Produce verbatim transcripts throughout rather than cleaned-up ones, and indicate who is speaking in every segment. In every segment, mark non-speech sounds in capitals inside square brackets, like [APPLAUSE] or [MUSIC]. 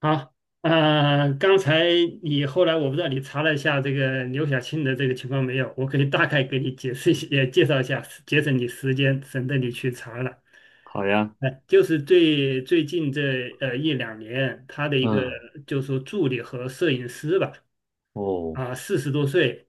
Speaker 1: 好，呃，刚才你后来我不知道你查了一下这个刘晓庆的这个情况没有，我可以大概给你解释一下，也介绍一下，节省你时间，省得你去查了。
Speaker 2: 好呀。
Speaker 1: 哎，就是最最近这呃一两年，他的一个
Speaker 2: 嗯。
Speaker 1: 就是说助理和摄影师吧，
Speaker 2: 哦。
Speaker 1: 啊，四十多岁，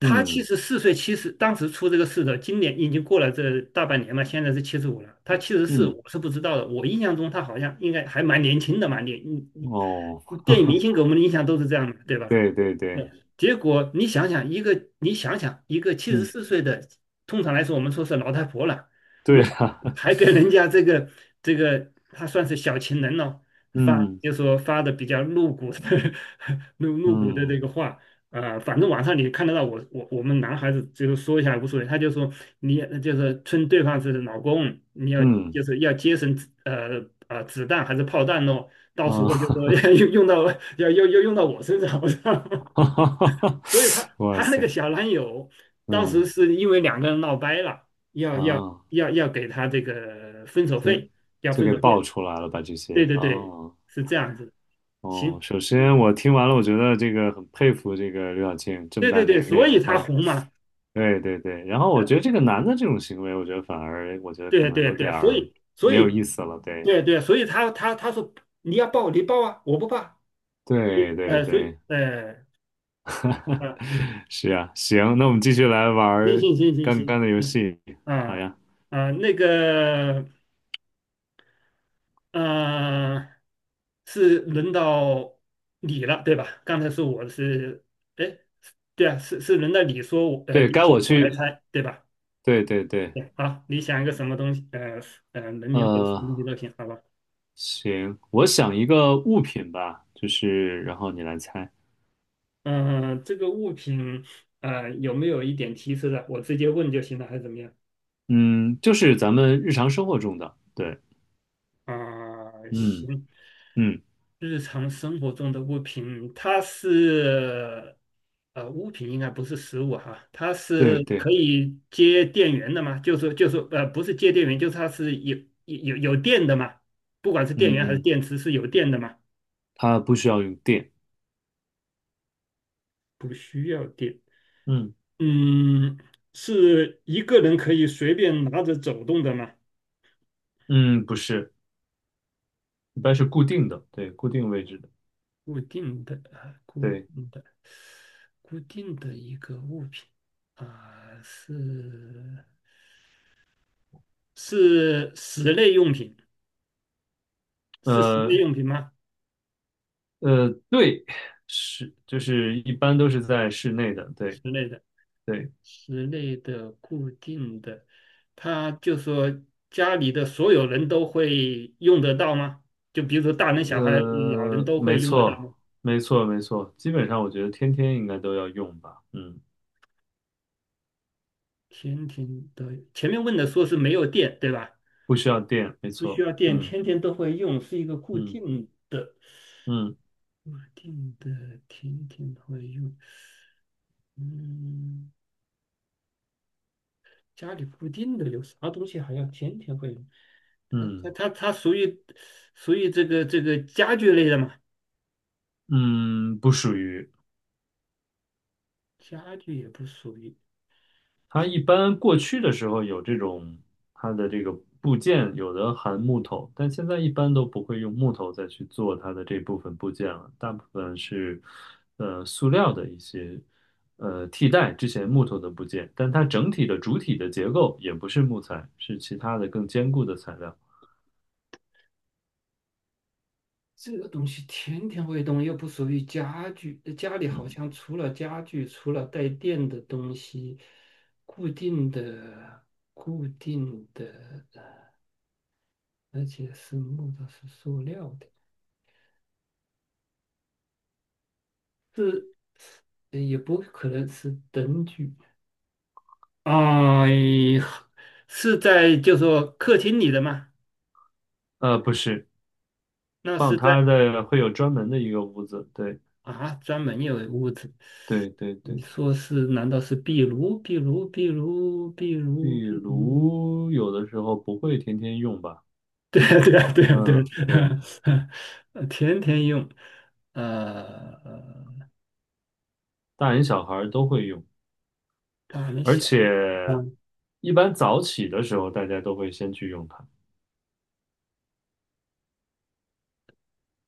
Speaker 1: 他七
Speaker 2: 嗯
Speaker 1: 十四岁，七十当时出这个事的，今年已经过了这大半年嘛，现在是七十五了。他七十四，
Speaker 2: 嗯。
Speaker 1: 我是不知道的。我印象中他好像应该还蛮年轻的嘛，你你
Speaker 2: 哦。
Speaker 1: 你，电影明
Speaker 2: [LAUGHS]
Speaker 1: 星给我们的印象都是这样的，对吧？
Speaker 2: 对对对。
Speaker 1: 对，结果你想想一个，你想想一个七十
Speaker 2: 嗯。
Speaker 1: 四岁的，通常来说我们说是老太婆了，
Speaker 2: 对
Speaker 1: 如果
Speaker 2: 啊。
Speaker 1: [LAUGHS] 还给人家这个这个，她算是小情人了，
Speaker 2: [LAUGHS]
Speaker 1: 发
Speaker 2: 嗯
Speaker 1: 就说发的比较露骨的 [LAUGHS] 露露骨的
Speaker 2: 嗯
Speaker 1: 这个话。啊，反正网上你看得到我我我们男孩子就是说一下无所谓，他就说你就是称对方是老公，你要
Speaker 2: 嗯，
Speaker 1: 就是要节省呃呃啊子弹还是炮弹咯，到时候就
Speaker 2: 啊。
Speaker 1: 说 [LAUGHS] 用用到要要要用到我身上，我操！
Speaker 2: [LAUGHS]
Speaker 1: 所以他
Speaker 2: 哇
Speaker 1: 他那
Speaker 2: 塞。
Speaker 1: 个小男友，当时
Speaker 2: 嗯，
Speaker 1: 是因为两个人闹掰了，要要
Speaker 2: 啊，
Speaker 1: 要要给他这个分手
Speaker 2: 就
Speaker 1: 费，要
Speaker 2: 就
Speaker 1: 分
Speaker 2: 给
Speaker 1: 手
Speaker 2: 爆
Speaker 1: 费。
Speaker 2: 出来了吧这些，
Speaker 1: 对对
Speaker 2: 啊，
Speaker 1: 对，
Speaker 2: 哦。
Speaker 1: 是这样子的。
Speaker 2: 哦，
Speaker 1: 行，
Speaker 2: 首先我听完了，我觉得这个很佩服这个刘晓庆这么
Speaker 1: 对
Speaker 2: 大
Speaker 1: 对对，
Speaker 2: 年
Speaker 1: 所
Speaker 2: 龄
Speaker 1: 以他
Speaker 2: 还。
Speaker 1: 红嘛。
Speaker 2: 对对对。然后我觉得
Speaker 1: 嗯，
Speaker 2: 这个男的这种行为，我觉得反而，我觉得可
Speaker 1: 对
Speaker 2: 能
Speaker 1: 对
Speaker 2: 有点
Speaker 1: 对，所
Speaker 2: 儿
Speaker 1: 以所
Speaker 2: 没
Speaker 1: 以
Speaker 2: 有意思了，对。
Speaker 1: 对对，所以他他他说你要报你报啊，我不报，
Speaker 2: 对对
Speaker 1: 呃，所以
Speaker 2: 对。
Speaker 1: 呃呃，
Speaker 2: 是啊，行，那我们继续来玩
Speaker 1: 行
Speaker 2: 儿
Speaker 1: 行行行
Speaker 2: 刚刚
Speaker 1: 行
Speaker 2: 的游
Speaker 1: 行，
Speaker 2: 戏。好
Speaker 1: 啊
Speaker 2: 呀。
Speaker 1: 啊，那个。嗯，是轮到你了，对吧？刚才是我是，哎，对啊，是是轮到你说我，呃，
Speaker 2: 对，
Speaker 1: 你
Speaker 2: 该
Speaker 1: 想
Speaker 2: 我
Speaker 1: 我来
Speaker 2: 去。
Speaker 1: 猜，对吧？
Speaker 2: 对对对。
Speaker 1: 对，好，你想一个什么东西，呃，呃，人名或者什
Speaker 2: 呃，
Speaker 1: 么东西都行，好吧？
Speaker 2: 行，我想一个物品吧，就是然后你来猜。
Speaker 1: 嗯、这个物品，呃，有没有一点提示的？我直接问就行了，还是怎么样？
Speaker 2: 嗯，就是咱们日常生活中的。对。
Speaker 1: 啊、
Speaker 2: 嗯
Speaker 1: 行，
Speaker 2: 嗯。
Speaker 1: 日常生活中的物品，它是呃物品应该不是食物哈，它
Speaker 2: 对
Speaker 1: 是可
Speaker 2: 对。
Speaker 1: 以接电源的嘛？就是就是呃不是接电源，就是它是有有有有电的嘛？不管是电源还是
Speaker 2: 嗯，
Speaker 1: 电池是有电的嘛？
Speaker 2: 它不需要用电。
Speaker 1: 不需要电。
Speaker 2: 嗯
Speaker 1: 嗯，是一个人可以随便拿着走动的吗？
Speaker 2: 嗯。不是，一般是固定的，对，固定位置的。
Speaker 1: 固定的啊，固
Speaker 2: 对。
Speaker 1: 定的，固定的一个物品啊，是。是室内用品，是室内
Speaker 2: 呃
Speaker 1: 用品吗？
Speaker 2: 呃，对，是，就是一般都是在室内的。对
Speaker 1: 室内的，
Speaker 2: 对。
Speaker 1: 室内的固定的，它就说家里的所有人都会用得到吗？就比如说大人、小孩、老人
Speaker 2: 呃，
Speaker 1: 都
Speaker 2: 没
Speaker 1: 会用得到
Speaker 2: 错，
Speaker 1: 吗？
Speaker 2: 没错，没错，基本上我觉得天天应该都要用吧。嗯，
Speaker 1: 天天都，前面问的说是没有电，对吧？
Speaker 2: 不需要电，没
Speaker 1: 不需
Speaker 2: 错。
Speaker 1: 要电，
Speaker 2: 嗯
Speaker 1: 天天都会用，是一个固
Speaker 2: 嗯
Speaker 1: 定的，
Speaker 2: 嗯
Speaker 1: 固定的，天天会用。嗯，家里固定的有啥东西还要天天会用？它它
Speaker 2: 嗯
Speaker 1: 它它属于属于这个这个家具类的嘛？
Speaker 2: 嗯嗯。不属于。
Speaker 1: 家具也不属于，
Speaker 2: 它一般过去的时候有这种，它的这个部件有的含木头，但现在一般都不会用木头再去做它的这部分部件了，大部分是呃塑料的一些呃替代之前木头的部件，但它整体的主体的结构也不是木材，是其他的更坚固的材料。
Speaker 1: 这个东西天天会动，又不属于家具。呃家里
Speaker 2: 嗯。
Speaker 1: 好像除了家具，除了带电的东西，固定的固定的，而且是木头是塑料的，是呃也不可能是灯具啊、是在就说客厅里的吗？
Speaker 2: 呃，不是，
Speaker 1: 那
Speaker 2: 放
Speaker 1: 是
Speaker 2: 它
Speaker 1: 在
Speaker 2: 的会有专门的一个屋子，对
Speaker 1: 啊专门有屋子。
Speaker 2: 对对
Speaker 1: 你
Speaker 2: 对。
Speaker 1: 说是？难道是壁炉？壁炉？壁炉？壁炉？
Speaker 2: 壁
Speaker 1: 壁炉？
Speaker 2: 炉有的时候不会天天用吧。
Speaker 1: 对啊，对啊，对啊，对
Speaker 2: 嗯，对，
Speaker 1: 啊，[LAUGHS] 呃天天用，呃，
Speaker 2: 大人小孩儿都会用，
Speaker 1: 他还没
Speaker 2: 而
Speaker 1: 想啊。
Speaker 2: 且一般早起的时候大家都会先去用它。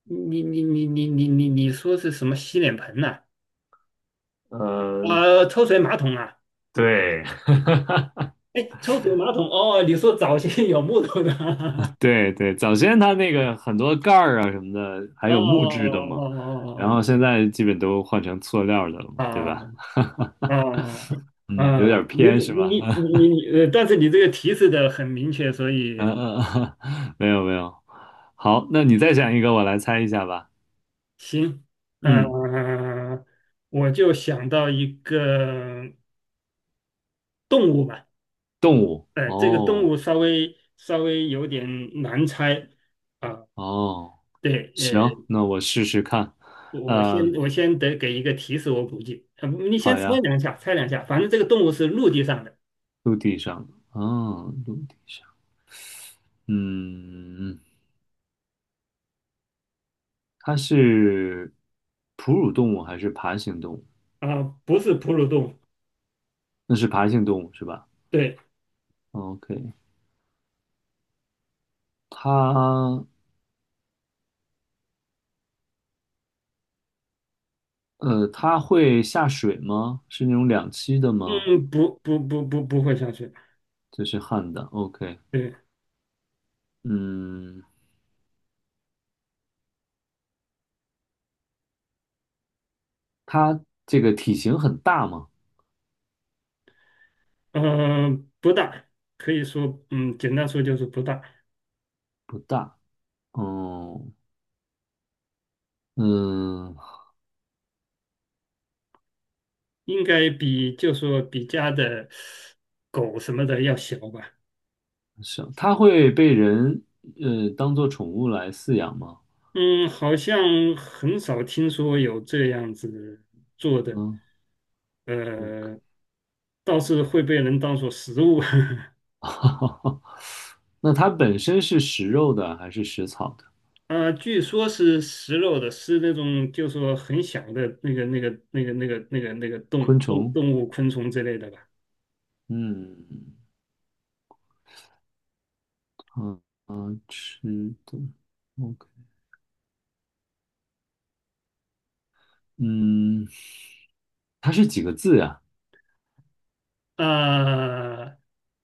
Speaker 1: 你你你你你你你说是什么洗脸盆呐、
Speaker 2: 呃，
Speaker 1: 呃，抽水马桶啊？
Speaker 2: 对，
Speaker 1: 哎，抽水马桶哦，你说早些有木头的？
Speaker 2: [LAUGHS]
Speaker 1: [LAUGHS]
Speaker 2: 对对，早先它那个很多盖儿啊什么的，还
Speaker 1: 哦
Speaker 2: 有木质的
Speaker 1: 哦
Speaker 2: 嘛，然后
Speaker 1: 哦
Speaker 2: 现在基本都换成塑料的了嘛，
Speaker 1: 哦
Speaker 2: 对
Speaker 1: 哦
Speaker 2: 吧？
Speaker 1: 哦哦哦
Speaker 2: [LAUGHS]
Speaker 1: 哦！
Speaker 2: 嗯，有
Speaker 1: 啊，
Speaker 2: 点
Speaker 1: 你
Speaker 2: 偏是
Speaker 1: 你
Speaker 2: 吧？
Speaker 1: 你你你，呃，但是你这个提示的很明确，所
Speaker 2: [LAUGHS]
Speaker 1: 以
Speaker 2: 嗯嗯嗯。[LAUGHS] 没有没有。好，那你再讲一个，我来猜一下吧。
Speaker 1: 行，呃，
Speaker 2: 嗯，
Speaker 1: 我就想到一个动物吧。
Speaker 2: 动物。
Speaker 1: 呃，这个动
Speaker 2: 哦
Speaker 1: 物稍微稍微有点难猜啊，
Speaker 2: 哦。
Speaker 1: 对，呃，
Speaker 2: 行，那我试试看。
Speaker 1: 我先
Speaker 2: 嗯、
Speaker 1: 我先得给一个提示，我估计，呃，你先
Speaker 2: 好
Speaker 1: 猜
Speaker 2: 呀。
Speaker 1: 两下，猜两下，反正这个动物是陆地上的
Speaker 2: 陆地上，啊，哦，陆地上，嗯，它是哺乳动物还是爬行动物？
Speaker 1: 啊，不是哺乳动物，
Speaker 2: 那是爬行动物是吧
Speaker 1: 对，
Speaker 2: ？OK。它呃，它会下水吗？是那种两栖的吗？
Speaker 1: 嗯，不不不不不会下去，
Speaker 2: 这是旱的，OK。
Speaker 1: 对，
Speaker 2: 嗯，它这个体型很大吗？
Speaker 1: 嗯，不大，可以说，嗯，简单说就是不大，
Speaker 2: 不大，哦。嗯，
Speaker 1: 应该比就说比家的狗什么的要小吧。
Speaker 2: 是。它会被人呃当做宠物来饲养吗？
Speaker 1: 嗯，好像很少听说有这样子做的，
Speaker 2: 嗯，OK。
Speaker 1: 呃，倒是会被人当做食物。[LAUGHS]
Speaker 2: [LAUGHS] 那它本身是食肉的还是食草的？
Speaker 1: 啊、据说是食肉的，是那种就说很小的那个、那个、那个、那个、那个、那个动
Speaker 2: 昆
Speaker 1: 动
Speaker 2: 虫。
Speaker 1: 动物、昆虫之类的吧。
Speaker 2: 嗯，啊啊，吃的，OK。嗯，它是几个字呀？
Speaker 1: 啊、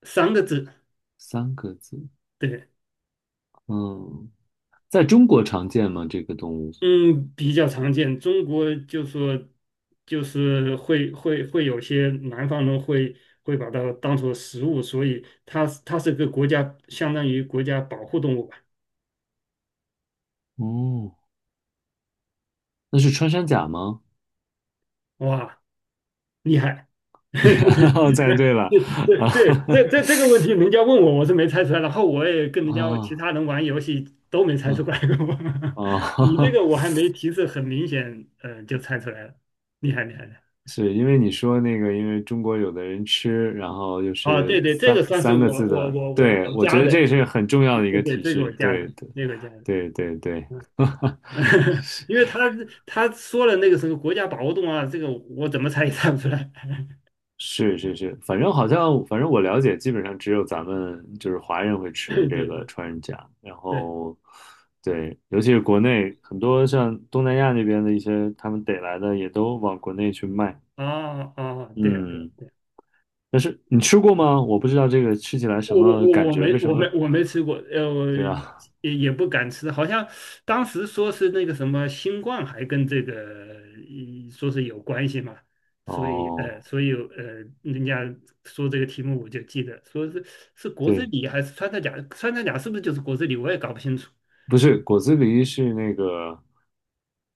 Speaker 1: 三个字，
Speaker 2: 三个字。
Speaker 1: 对，
Speaker 2: 嗯，在中国常见吗？这个动物？
Speaker 1: 嗯，比较常见。中国就说，就是会会会有些南方人会会把它当做食物，所以它它是个国家，相当于国家保护动物吧。
Speaker 2: 哦，那是穿山甲吗？
Speaker 1: 哇，厉害！[LAUGHS]
Speaker 2: [LAUGHS] 猜对了。
Speaker 1: 对
Speaker 2: [LAUGHS] 啊
Speaker 1: 对，这这这个问题，人家问我，我是没猜出来。然后我也跟人家其
Speaker 2: 啊
Speaker 1: 他人玩游戏都没猜出
Speaker 2: 啊
Speaker 1: 来过。[LAUGHS] 你这
Speaker 2: 啊
Speaker 1: 个我
Speaker 2: [LAUGHS]！
Speaker 1: 还没提示，很明显，嗯、就猜出来了，厉害厉害的。
Speaker 2: 是因为你说那个，因为中国有的人吃，然后就
Speaker 1: 啊，
Speaker 2: 是
Speaker 1: 对对，这个
Speaker 2: 三
Speaker 1: 算是
Speaker 2: 三个
Speaker 1: 我
Speaker 2: 字
Speaker 1: 我
Speaker 2: 的，
Speaker 1: 我我
Speaker 2: 对，
Speaker 1: 我
Speaker 2: 我觉
Speaker 1: 加
Speaker 2: 得
Speaker 1: 的，
Speaker 2: 这是很重要
Speaker 1: 对
Speaker 2: 的一
Speaker 1: 对
Speaker 2: 个
Speaker 1: 对，
Speaker 2: 提
Speaker 1: 这个我
Speaker 2: 示，
Speaker 1: 加的，
Speaker 2: 对对
Speaker 1: 这个我加的，
Speaker 2: 对对对。
Speaker 1: 嗯，
Speaker 2: [LAUGHS]
Speaker 1: [LAUGHS] 因为他他说了那个什么国家保护动物啊，这个我怎么猜也猜不出来。
Speaker 2: 是是是，反正好像反正我了解，基本上只有咱们就是华人会
Speaker 1: [LAUGHS] 对
Speaker 2: 吃这
Speaker 1: 对
Speaker 2: 个
Speaker 1: 对
Speaker 2: 穿山甲。然
Speaker 1: 对，
Speaker 2: 后对，尤其是国内很多像东南亚那边的一些他们逮来的也都往国内去卖。
Speaker 1: 啊啊，对呀对
Speaker 2: 嗯。但是你吃过吗？我不知道这个吃起来
Speaker 1: 呀
Speaker 2: 什
Speaker 1: 我我
Speaker 2: 么
Speaker 1: 我
Speaker 2: 感
Speaker 1: 我
Speaker 2: 觉，
Speaker 1: 没
Speaker 2: 为什
Speaker 1: 我没
Speaker 2: 么？
Speaker 1: 我没吃过，呃，我
Speaker 2: 对啊，
Speaker 1: 也也不敢吃，好像当时说是那个什么新冠还跟这个呃说是有关系嘛，所以
Speaker 2: 哦，
Speaker 1: 呃，所以呃，人家说这个题目我就记得，说是是国之
Speaker 2: 对，
Speaker 1: 礼还是穿山甲，穿山甲是不是就是国之礼，我也搞不清楚。
Speaker 2: 不是果子狸是那个。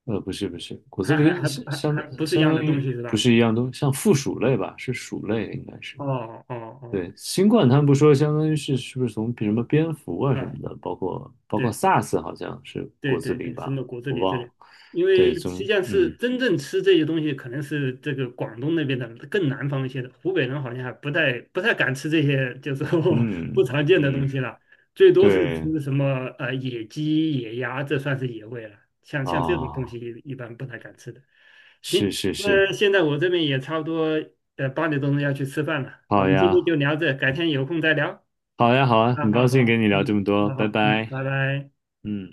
Speaker 2: 呃，不是不是，果子
Speaker 1: 还还
Speaker 2: 狸
Speaker 1: 还
Speaker 2: 相
Speaker 1: 还还不
Speaker 2: 相
Speaker 1: 是一
Speaker 2: 相
Speaker 1: 样
Speaker 2: 当
Speaker 1: 的东
Speaker 2: 于
Speaker 1: 西是
Speaker 2: 不
Speaker 1: 吧？
Speaker 2: 是一样东，像附属类吧，是鼠类应该是。
Speaker 1: 哦哦
Speaker 2: 对，
Speaker 1: 哦，
Speaker 2: 新冠他们不说，相当于是是不是从比什么蝙蝠啊什么
Speaker 1: 嗯，
Speaker 2: 的，包括包括
Speaker 1: 对
Speaker 2: SARS 好像是
Speaker 1: 对
Speaker 2: 果子
Speaker 1: 对
Speaker 2: 狸
Speaker 1: 对，什
Speaker 2: 吧，
Speaker 1: 么果子
Speaker 2: 我
Speaker 1: 狸这
Speaker 2: 忘
Speaker 1: 里，
Speaker 2: 了。
Speaker 1: 因
Speaker 2: 对，
Speaker 1: 为实际
Speaker 2: 从，
Speaker 1: 上是
Speaker 2: 嗯
Speaker 1: 真正吃这些东西，可能是这个广东那边的更南方一些的，湖北人好像还不太不太敢吃这些，就是说 [LAUGHS] 不常
Speaker 2: 嗯
Speaker 1: 见的东
Speaker 2: 嗯。
Speaker 1: 西了，最多是
Speaker 2: 对
Speaker 1: 吃什么呃野鸡、野鸭，这算是野味了。像像这种东
Speaker 2: 啊，
Speaker 1: 西一一般不太敢吃的。行，
Speaker 2: 是是是。
Speaker 1: 那现在我这边也差不多呃八点钟要去吃饭了，我
Speaker 2: 好
Speaker 1: 们今天
Speaker 2: 呀，
Speaker 1: 就聊这，改天有空再聊。
Speaker 2: 好呀，好啊，
Speaker 1: 啊，
Speaker 2: 很
Speaker 1: 好
Speaker 2: 高
Speaker 1: 好，
Speaker 2: 兴跟你聊这
Speaker 1: 嗯，
Speaker 2: 么多，
Speaker 1: 好
Speaker 2: 拜
Speaker 1: 好，嗯，
Speaker 2: 拜。
Speaker 1: 拜拜。
Speaker 2: 嗯。